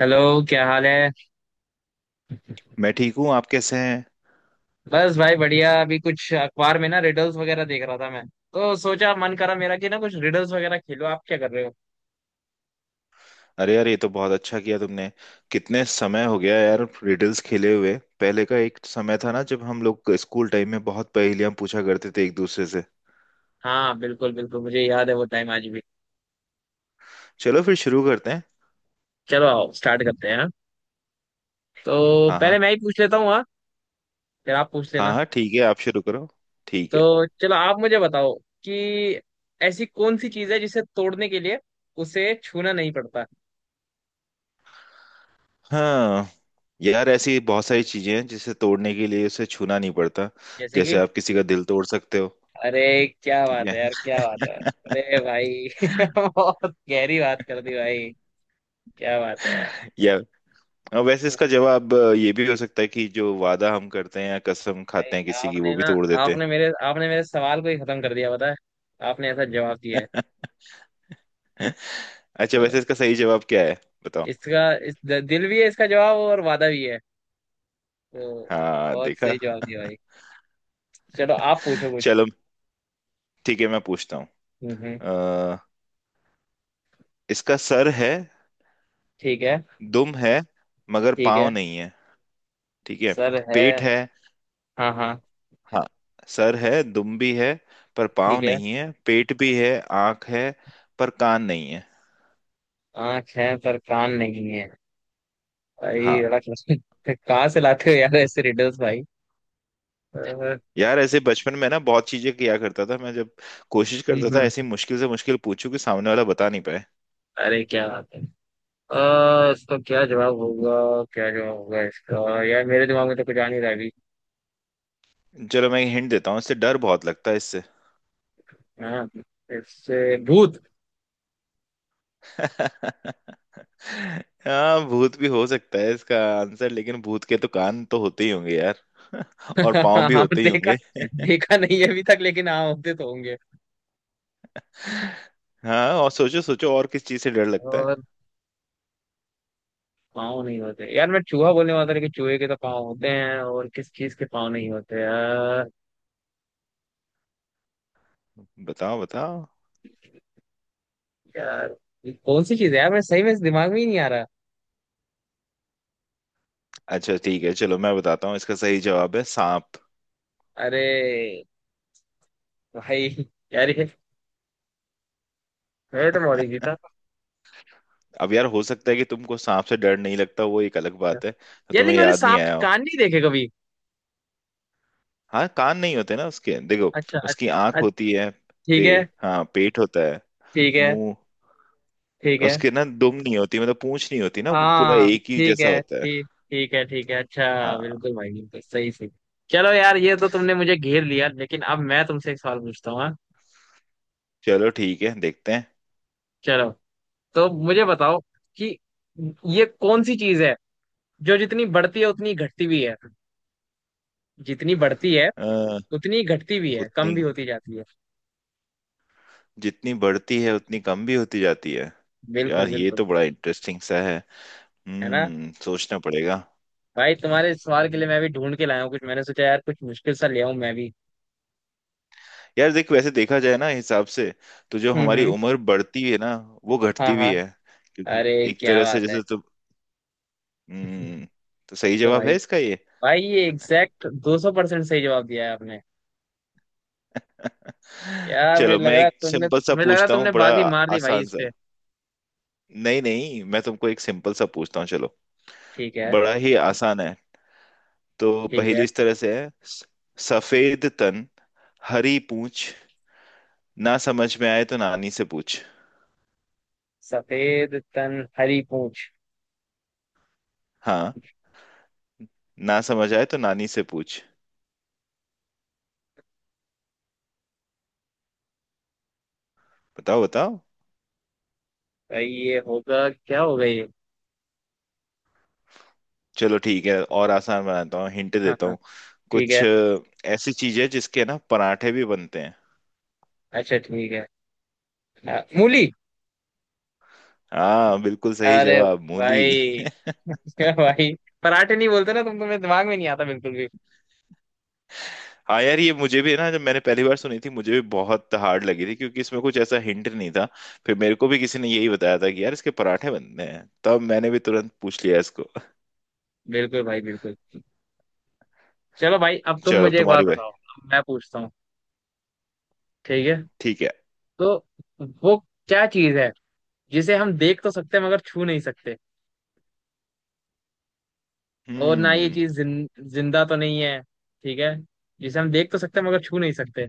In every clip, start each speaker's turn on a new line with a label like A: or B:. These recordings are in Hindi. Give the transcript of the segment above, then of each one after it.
A: हेलो। क्या हाल है?
B: मैं ठीक हूँ। आप कैसे हैं?
A: बस भाई बढ़िया, अभी कुछ अखबार में ना रिडल्स वगैरह देख रहा था मैं, तो सोचा मन करा मेरा कि ना कुछ रिडल्स वगैरह खेलो। आप क्या कर रहे हो?
B: अरे यार, ये तो बहुत अच्छा किया तुमने। कितने समय हो गया यार रिडल्स खेले हुए। पहले का एक समय था ना, जब हम लोग स्कूल टाइम में बहुत पहेलियां पूछा करते थे एक दूसरे से।
A: हाँ बिल्कुल बिल्कुल मुझे याद है वो टाइम आज भी।
B: चलो फिर शुरू करते हैं।
A: चलो आओ स्टार्ट करते हैं। हाँ, तो
B: हाँ हाँ।
A: पहले मैं ही पूछ लेता हूँ। हाँ, फिर आप पूछ
B: हाँ
A: लेना।
B: हाँ ठीक है, आप शुरू करो। ठीक है।
A: तो चलो आप मुझे बताओ कि ऐसी कौन सी चीज है जिसे तोड़ने के लिए उसे छूना नहीं पड़ता?
B: हाँ यार, ऐसी बहुत सारी चीजें हैं जिसे तोड़ने के लिए उसे छूना नहीं पड़ता।
A: जैसे
B: जैसे
A: कि?
B: आप किसी का दिल तोड़ सकते हो।
A: अरे क्या
B: ठीक
A: बात
B: है।
A: है यार, क्या बात है, अरे भाई बहुत गहरी बात कर दी भाई। क्या बात है यार।
B: या। हाँ, वैसे इसका जवाब ये भी हो सकता है कि जो वादा हम करते हैं या कसम
A: भाई,
B: खाते हैं किसी की, वो
A: आपने
B: भी
A: ना,
B: तोड़ देते हैं।
A: आपने मेरे सवाल को ही खत्म कर दिया पता है। आपने ऐसा जवाब दिया है।
B: अच्छा, वैसे
A: तो
B: इसका सही जवाब क्या है? बताओ।
A: इसका, इस दिल भी है इसका जवाब और वादा भी है तो।
B: हाँ
A: बहुत
B: देखा।
A: सही जवाब दिया भाई। चलो आप पूछो कुछ।
B: चलो ठीक है, मैं पूछता हूँ।
A: हम्म हम्म,
B: अ, इसका सर है,
A: ठीक है।
B: दुम है, मगर
A: ठीक है।
B: पाँव नहीं है। ठीक है।
A: सर है।
B: पेट है।
A: हाँ हाँ,
B: हाँ, सर है, दुम भी है, पर पाँव
A: ठीक है।
B: नहीं है, पेट भी है। आँख है पर कान नहीं है।
A: आँख है पर कान नहीं है। भाई
B: हाँ
A: बड़ा क्वेश्चन। कहाँ से लाते हो यार ऐसे रिडल्स भाई। हम्म।
B: यार, ऐसे बचपन में ना बहुत चीजें किया करता था मैं, जब कोशिश करता
A: हम्म,
B: था ऐसी मुश्किल से मुश्किल पूछूं कि सामने वाला बता नहीं पाए।
A: अरे क्या बात है। इसका क्या जवाब होगा, क्या जवाब होगा इसका? यार मेरे दिमाग में तो कुछ आ नहीं रहा है।
B: चलो मैं हिंट देता हूँ, इससे डर बहुत लगता है इससे।
A: हाँ, इससे भूत?
B: हाँ, भूत भी हो सकता है इसका आंसर, लेकिन भूत के तो कान तो होते ही होंगे यार। और पाँव भी
A: हाँ
B: होते ही
A: देखा,
B: होंगे।
A: देखा नहीं है अभी तक लेकिन हाँ होते तो होंगे।
B: हाँ, और सोचो सोचो, और किस चीज से डर लगता है?
A: और पाँव नहीं होते यार, मैं चूहा बोलने वाला था लेकिन चूहे के तो पाँव होते हैं। और किस चीज के पाँव नहीं होते यार?
B: बताओ बताओ।
A: यार, ये कौन सी चीज है यार, मैं सही में इस दिमाग में ही नहीं आ रहा।
B: अच्छा ठीक है, चलो मैं बताता हूँ, इसका सही जवाब है सांप।
A: अरे भाई! यार ये, मैं तो बहुत इजी था।
B: अब यार हो सकता है कि तुमको सांप से डर नहीं लगता, वो एक अलग बात है तो
A: यार
B: तुम्हें
A: लेकिन मैंने
B: याद नहीं
A: सांप के
B: आया हो।
A: कान नहीं देखे कभी।
B: हाँ, कान नहीं होते ना उसके, देखो।
A: अच्छा अच्छा
B: उसकी
A: अच्छा।
B: आंख होती है।
A: ठीक है।
B: पेट, हाँ पेट होता है।
A: ठीक है।
B: मुंह।
A: ठीक है।
B: उसके ना दुम नहीं होती, मतलब पूंछ नहीं होती ना, वो पूरा
A: हाँ
B: एक ही
A: ठीक
B: जैसा
A: है
B: होता है।
A: ठीक, ठीक है अच्छा।
B: हाँ।
A: बिल्कुल भाई बिल्कुल सही सही। चलो यार, ये तो तुमने मुझे घेर लिया, लेकिन अब मैं तुमसे एक सवाल पूछता हूँ, हाँ?
B: चलो ठीक है, देखते हैं।
A: चलो। तो मुझे बताओ कि ये कौन सी चीज है जो जितनी बढ़ती है उतनी घटती भी है। जितनी बढ़ती है
B: अ,
A: उतनी घटती भी है, कम
B: उतनी,
A: भी होती जाती है।
B: जितनी बढ़ती है उतनी कम भी होती जाती है।
A: बिल्कुल
B: यार ये
A: बिल्कुल।
B: तो बड़ा इंटरेस्टिंग सा है।
A: है ना?
B: हम्म, सोचना पड़ेगा।
A: भाई तुम्हारे इस सवाल के लिए
B: हम्म।
A: मैं भी ढूंढ के लाया हूँ कुछ, मैंने सोचा यार कुछ मुश्किल सा ले आऊं मैं भी।
B: यार देख, वैसे देखा जाए ना हिसाब से, तो जो हमारी
A: हम्म।
B: उम्र बढ़ती है ना, वो
A: हाँ
B: घटती
A: हाँ।
B: भी है। क्योंकि
A: अरे
B: एक
A: क्या
B: तरह से
A: बात है।
B: जैसे तो, हम्म, तो सही
A: तो
B: जवाब
A: भाई,
B: है इसका ये।
A: भाई ये एग्जैक्ट 200% सही जवाब दिया है आपने। यार मुझे
B: चलो
A: लग
B: मैं
A: रहा है
B: एक
A: तुमने
B: सिंपल सा
A: मुझे लग रहा है
B: पूछता हूँ,
A: तुमने
B: बड़ा
A: बाजी मार दी भाई
B: आसान
A: इस
B: सा।
A: पे।
B: नहीं नहीं, मैं तुमको एक सिंपल सा पूछता हूँ, चलो।
A: ठीक है।
B: बड़ा ही आसान है। तो
A: ठीक है।
B: पहेली इस तरह से है। सफेद तन, हरी पूछ, ना समझ में आए तो नानी से पूछ।
A: सफेद तन हरी पूंछ।
B: हाँ, ना समझ आए तो नानी से पूछ। बताओ बताओ।
A: भाई ये होगा, क्या होगा ये?
B: चलो ठीक है, और आसान बनाता हूँ, हिंट
A: हाँ
B: देता
A: हाँ।
B: हूँ।
A: ठीक
B: कुछ
A: है।
B: ऐसी चीज है जिसके ना पराठे भी बनते हैं।
A: अच्छा ठीक है। मूली।
B: हाँ बिल्कुल सही
A: अरे
B: जवाब, मूली।
A: भाई! भाई पराठे नहीं बोलते ना तुम्हें दिमाग में नहीं आता बिल्कुल भी।
B: हाँ यार, ये मुझे भी है ना, जब मैंने पहली बार सुनी थी मुझे भी बहुत हार्ड लगी थी, क्योंकि इसमें कुछ ऐसा हिंट नहीं था। फिर मेरे को भी किसी ने यही बताया था कि यार इसके पराठे बनते हैं, तब मैंने भी तुरंत पूछ लिया इसको।
A: बिल्कुल भाई बिल्कुल। चलो भाई अब तुम
B: चलो अब
A: मुझे एक बात
B: तुम्हारी बारी।
A: बताओ, अब मैं पूछता हूँ। ठीक है।
B: ठीक है।
A: तो वो क्या चीज है जिसे हम देख तो सकते हैं मगर छू नहीं सकते, और ना ये
B: हम्म।
A: चीज जिंदा तो नहीं है। ठीक है। जिसे हम देख तो सकते हैं मगर छू नहीं सकते।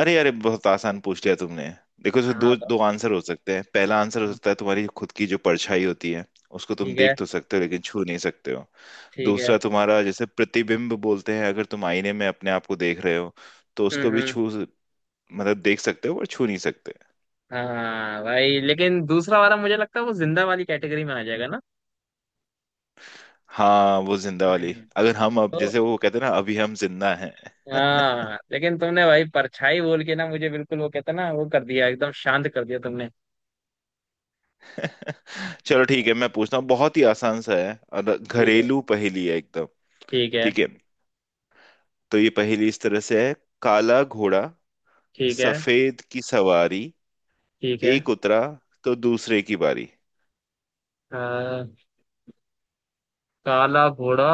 B: अरे अरे, बहुत आसान पूछ लिया तुमने। देखो, इसमें
A: हाँ
B: दो
A: तो।
B: दो आंसर हो सकते हैं। पहला आंसर हो
A: हाँ,
B: सकता है तुम्हारी खुद की जो परछाई होती है, उसको तुम
A: ठीक है।
B: देख तो सकते हो लेकिन छू नहीं सकते हो।
A: ठीक है।
B: दूसरा, तुम्हारा जैसे प्रतिबिंब बोलते हैं, अगर तुम आईने में अपने आप को देख रहे हो, तो उसको भी
A: हम्म।
B: छू, मतलब देख सकते हो पर छू नहीं सकते।
A: हाँ भाई, लेकिन दूसरा वाला मुझे लगता है वो जिंदा वाली कैटेगरी में आ जाएगा ना।
B: हाँ, वो जिंदा
A: हाँ,
B: वाली,
A: नहीं,
B: अगर हम अब
A: तो।
B: जैसे वो कहते हैं ना, अभी हम जिंदा हैं।
A: हाँ लेकिन तुमने भाई परछाई बोल के ना मुझे बिल्कुल वो कहते हैं ना, वो कर दिया, एकदम शांत कर दिया तुमने। ठीक है।
B: चलो ठीक है, मैं पूछता हूँ, बहुत ही आसान सा है और
A: ठीक है।
B: घरेलू पहेली है एकदम। ठीक है। तो ये पहेली इस तरह से है। काला घोड़ा,
A: ठीक है।
B: सफेद की सवारी,
A: ठीक है।
B: एक उतरा तो दूसरे की बारी।
A: हाँ, काला घोड़ा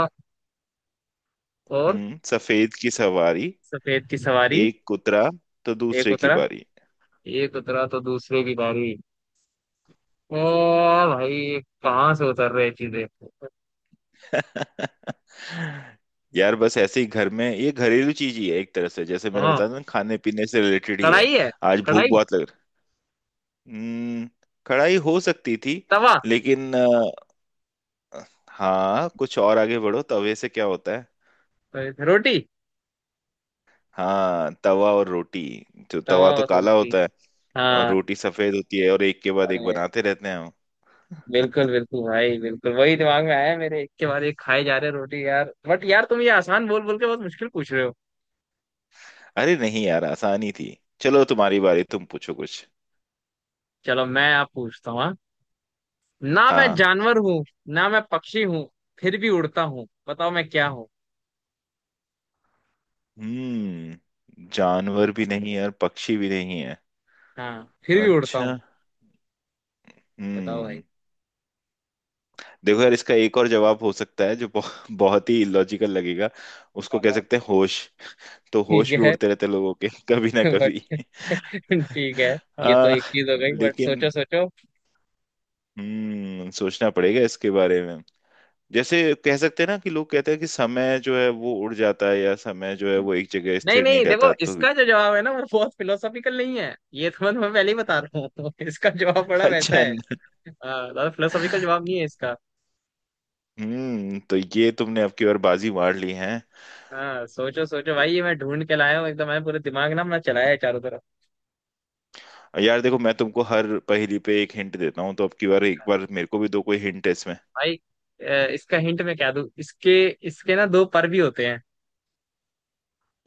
A: और,
B: हम्म, सफेद की सवारी,
A: सफेद की सवारी।
B: एक उतरा तो
A: एक
B: दूसरे की
A: उतरा।
B: बारी।
A: एक उतरा तो दूसरे की बारी। ओ भाई, कहाँ से उतर रहे हैं चीजें?
B: यार, बस ऐसे ही घर में, ये घरेलू चीज ही है एक तरह से। जैसे मैंने
A: हाँ,
B: बताया था ना, खाने पीने से रिलेटेड ही है।
A: कढ़ाई है?
B: आज भूख
A: कढ़ाई।
B: बहुत लग रही। हम्म, कढ़ाई हो सकती थी,
A: तवा।
B: लेकिन हाँ कुछ और आगे बढ़ो, तवे से क्या होता है?
A: रोटी।
B: हाँ, तवा और रोटी। जो
A: तवा
B: तवा तो
A: और
B: काला
A: रोटी।
B: होता है, और
A: हाँ।
B: रोटी सफेद होती है, और एक के बाद एक
A: अरे
B: बनाते रहते हैं हम।
A: बिल्कुल बिल्कुल भाई बिल्कुल, वही दिमाग में आया मेरे, एक के बाद एक खाए जा रहे रोटी। यार बट, यार तुम ये आसान बोल बोल के बहुत मुश्किल पूछ रहे हो।
B: अरे नहीं यार, आसानी थी। चलो तुम्हारी बारी, तुम पूछो कुछ।
A: चलो मैं आप पूछता हूँ, हाँ? ना
B: हाँ
A: मैं
B: हाँ।
A: जानवर हूँ, ना मैं पक्षी हूँ, फिर भी उड़ता हूँ, बताओ मैं क्या हूँ?
B: हम्म, जानवर भी नहीं है और पक्षी भी नहीं है।
A: हाँ फिर भी उड़ता
B: अच्छा।
A: हूँ। बताओ भाई।
B: हम्म। देखो यार, इसका एक और जवाब हो सकता है जो बहुत बहुत ही लॉजिकल लगेगा। उसको
A: हाँ,
B: कह
A: हाँ।
B: सकते हैं होश। तो
A: ठीक
B: होश भी
A: है।
B: उड़ते रहते हैं लोगों के कभी ना
A: बट
B: कभी।
A: ठीक है। ये तो
B: आ,
A: एक चीज हो गई बट
B: लेकिन
A: सोचो सोचो।
B: हम्म, सोचना पड़ेगा इसके बारे में। जैसे कह सकते हैं ना कि लोग कहते हैं कि समय जो है वो उड़ जाता है, या समय जो है वो एक जगह
A: नहीं
B: स्थिर नहीं
A: नहीं, देखो
B: रहता, तो भी।
A: इसका जो जवाब है ना वो बहुत फिलोसॉफिकल नहीं है, ये तो मैं तुम्हें पहले ही बता रहा हूँ इसका जवाब बड़ा वैसा
B: अच्छा।
A: है। हाँ, ज्यादा फिलोसॉफिकल जवाब नहीं है इसका।
B: हम्म, तो ये तुमने अब की बार बाजी मार ली है।
A: हाँ सोचो सोचो भाई, ये मैं ढूंढ के लाया हूँ एकदम, मैंने पूरे दिमाग ना अपना चलाया है चारों तरफ।
B: यार देखो, मैं तुमको हर पहेली पे एक हिंट देता हूँ, तो अब की बार एक बार मेरे को भी दो, कोई हिंट है इसमें?
A: भाई इसका हिंट मैं क्या दूँ, इसके इसके ना दो पर भी होते हैं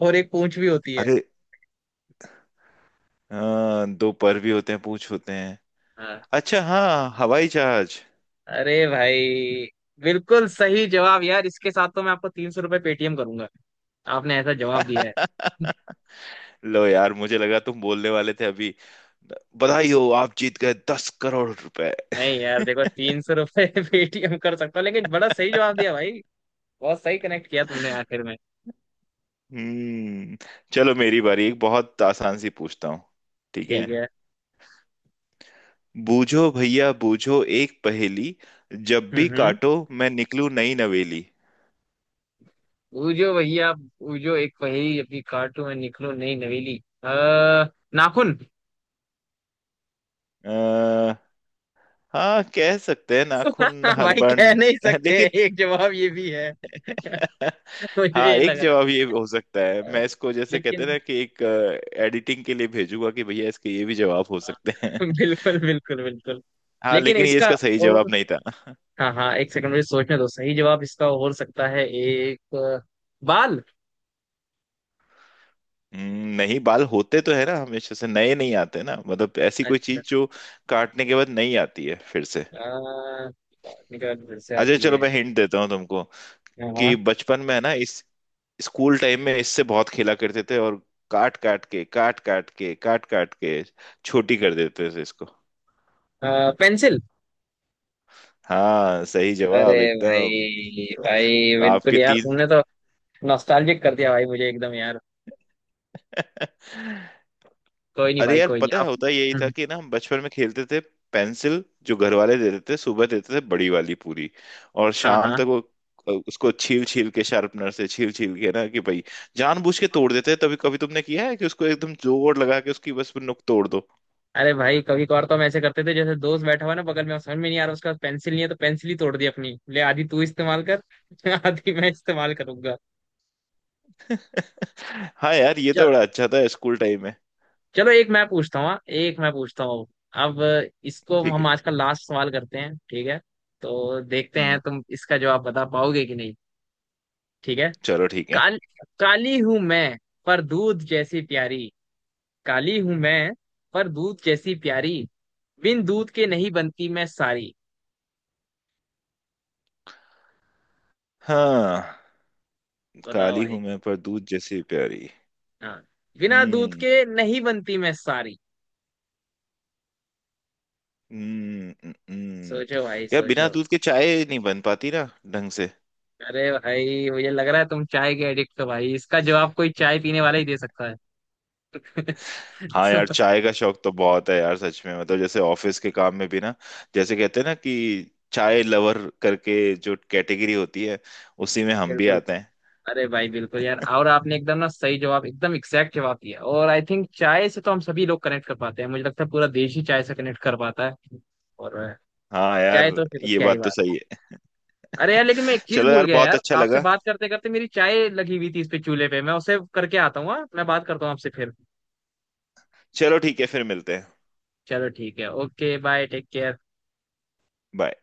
A: और एक पूंछ भी होती है।
B: अरे, दो पर भी होते हैं, पूछ होते हैं?
A: हाँ।
B: अच्छा, हाँ, हवाई जहाज।
A: अरे भाई बिल्कुल सही जवाब यार, इसके साथ तो मैं आपको ₹300 पेटीएम करूंगा। आपने ऐसा जवाब दिया है।
B: लो यार, मुझे लगा तुम बोलने वाले थे अभी, बधाई हो आप जीत गए 10 करोड़ रुपए।
A: नहीं यार देखो ₹300 पेटीएम कर सकता हूँ लेकिन बड़ा सही जवाब दिया भाई। बहुत सही कनेक्ट किया तुमने आखिर में।
B: हम्म। चलो मेरी बारी, एक बहुत आसान सी पूछता हूँ। ठीक है।
A: ठीक है।
B: बूझो भैया बूझो एक पहेली, जब भी
A: हम्म।
B: काटो मैं निकलूं नई नवेली।
A: बूझो भैया बूझो एक पहेली, अपनी काटू में निकलो नई नवेली। अः नाखून।
B: अह, हाँ कह सकते हैं नाखून हर
A: भाई
B: बार
A: कह नहीं सकते,
B: लेकिन।
A: एक जवाब ये भी है, मुझे
B: हाँ,
A: ये
B: एक
A: लग रहा
B: जवाब ये हो सकता है,
A: है।
B: मैं इसको जैसे कहते
A: लेकिन।
B: हैं ना कि, एक एडिटिंग के लिए भेजूंगा कि भैया इसके ये भी जवाब हो
A: हाँ,
B: सकते हैं।
A: बिल्कुल बिल्कुल बिल्कुल।
B: हाँ
A: लेकिन
B: लेकिन ये
A: इसका,
B: इसका सही
A: और,
B: जवाब नहीं था।
A: हाँ हाँ एक सेकंड मुझे सोचने दो, सही जवाब इसका हो सकता है एक, बाल।
B: नहीं, बाल होते तो है ना, हमेशा से नए नहीं आते ना, मतलब ऐसी कोई
A: अच्छा।
B: चीज जो काटने के बाद नहीं आती है फिर से।
A: आ, निकल फिर से
B: अच्छा
A: आती
B: चलो,
A: है।
B: मैं हिंट देता हूँ तुमको कि
A: हाँ
B: बचपन में है ना, इस स्कूल टाइम में इससे बहुत खेला करते थे, और काट काट के काट काट के काट काट के छोटी कर देते थे इसको।
A: हाँ पेंसिल।
B: हाँ, सही
A: अरे
B: जवाब एकदम।
A: भाई, भाई
B: तो
A: बिल्कुल
B: आपके
A: यार
B: तीन।
A: तुमने तो नॉस्टैल्जिक कर दिया भाई मुझे एकदम यार। कोई नहीं
B: अरे
A: भाई
B: यार,
A: कोई नहीं
B: पता है
A: आप।
B: होता यही था
A: हम्म,
B: कि ना हम बचपन में खेलते थे, पेंसिल जो घर वाले देते थे, सुबह देते थे बड़ी वाली पूरी, और
A: हाँ
B: शाम
A: हाँ।
B: तक वो, उसको छील छील के शार्पनर से छील छील के ना, कि भाई जानबूझ के तोड़ देते हैं। तभी कभी तुमने किया है कि उसको एकदम जोर लगा के उसकी बस नुक तोड़ दो?
A: अरे भाई कभी कभार तो हम ऐसे करते थे, जैसे दोस्त बैठा हुआ है ना बगल में, अब समझ में नहीं आ रहा, उसके पास पेंसिल नहीं है तो पेंसिल ही तोड़ दी अपनी, ले आधी तू इस्तेमाल कर आधी मैं इस्तेमाल करूंगा।
B: हाँ यार, ये तो बड़ा अच्छा था स्कूल टाइम में।
A: चलो एक मैं पूछता हूँ, हाँ, एक मैं पूछता हूँ। अब इसको
B: ठीक है।
A: हम आज का लास्ट सवाल करते हैं, ठीक है। तो देखते हैं
B: हम्म।
A: तुम इसका जवाब बता पाओगे कि नहीं। ठीक है।
B: चलो ठीक है।
A: काल काली हूं मैं पर दूध जैसी प्यारी, काली हूं मैं पर दूध जैसी प्यारी, बिन दूध के नहीं बनती मैं सारी।
B: हाँ।
A: बताओ
B: काली
A: भाई।
B: हूं मैं, पर दूध जैसी प्यारी।
A: हाँ, बिना दूध
B: हम्म
A: के नहीं बनती मैं सारी।
B: हम्म,
A: सोचो भाई
B: यार
A: सोचो।
B: बिना दूध के चाय नहीं बन पाती ना ढंग से।
A: अरे भाई मुझे लग रहा है तुम चाय के एडिक्ट हो भाई, इसका जवाब कोई चाय पीने वाला ही दे सकता है।
B: हाँ
A: So,
B: यार, चाय का शौक तो बहुत है यार सच में। मतलब जैसे ऑफिस के काम में भी ना, जैसे कहते हैं ना कि चाय लवर करके जो कैटेगरी होती है, उसी में हम भी
A: बिल्कुल।
B: आते हैं।
A: अरे भाई बिल्कुल यार, और आपने एकदम ना सही जवाब, एकदम एग्जैक्ट जवाब दिया, और आई थिंक चाय से तो हम सभी लोग कनेक्ट कर पाते हैं, मुझे लगता है पूरा देश ही चाय से कनेक्ट कर पाता है। और
B: हाँ यार,
A: चाय तो फिर तो
B: ये
A: क्या ही
B: बात तो
A: बात
B: सही है।
A: है। अरे यार लेकिन मैं एक चीज
B: चलो
A: भूल
B: यार,
A: गया
B: बहुत
A: यार,
B: अच्छा
A: आपसे
B: लगा।
A: बात करते करते मेरी चाय लगी हुई थी इस पे, चूल्हे पे, मैं उसे करके आता हूँ, हाँ? मैं बात करता हूँ आपसे फिर।
B: चलो ठीक है, फिर मिलते हैं।
A: चलो ठीक है, okay bye, take care.
B: Bye.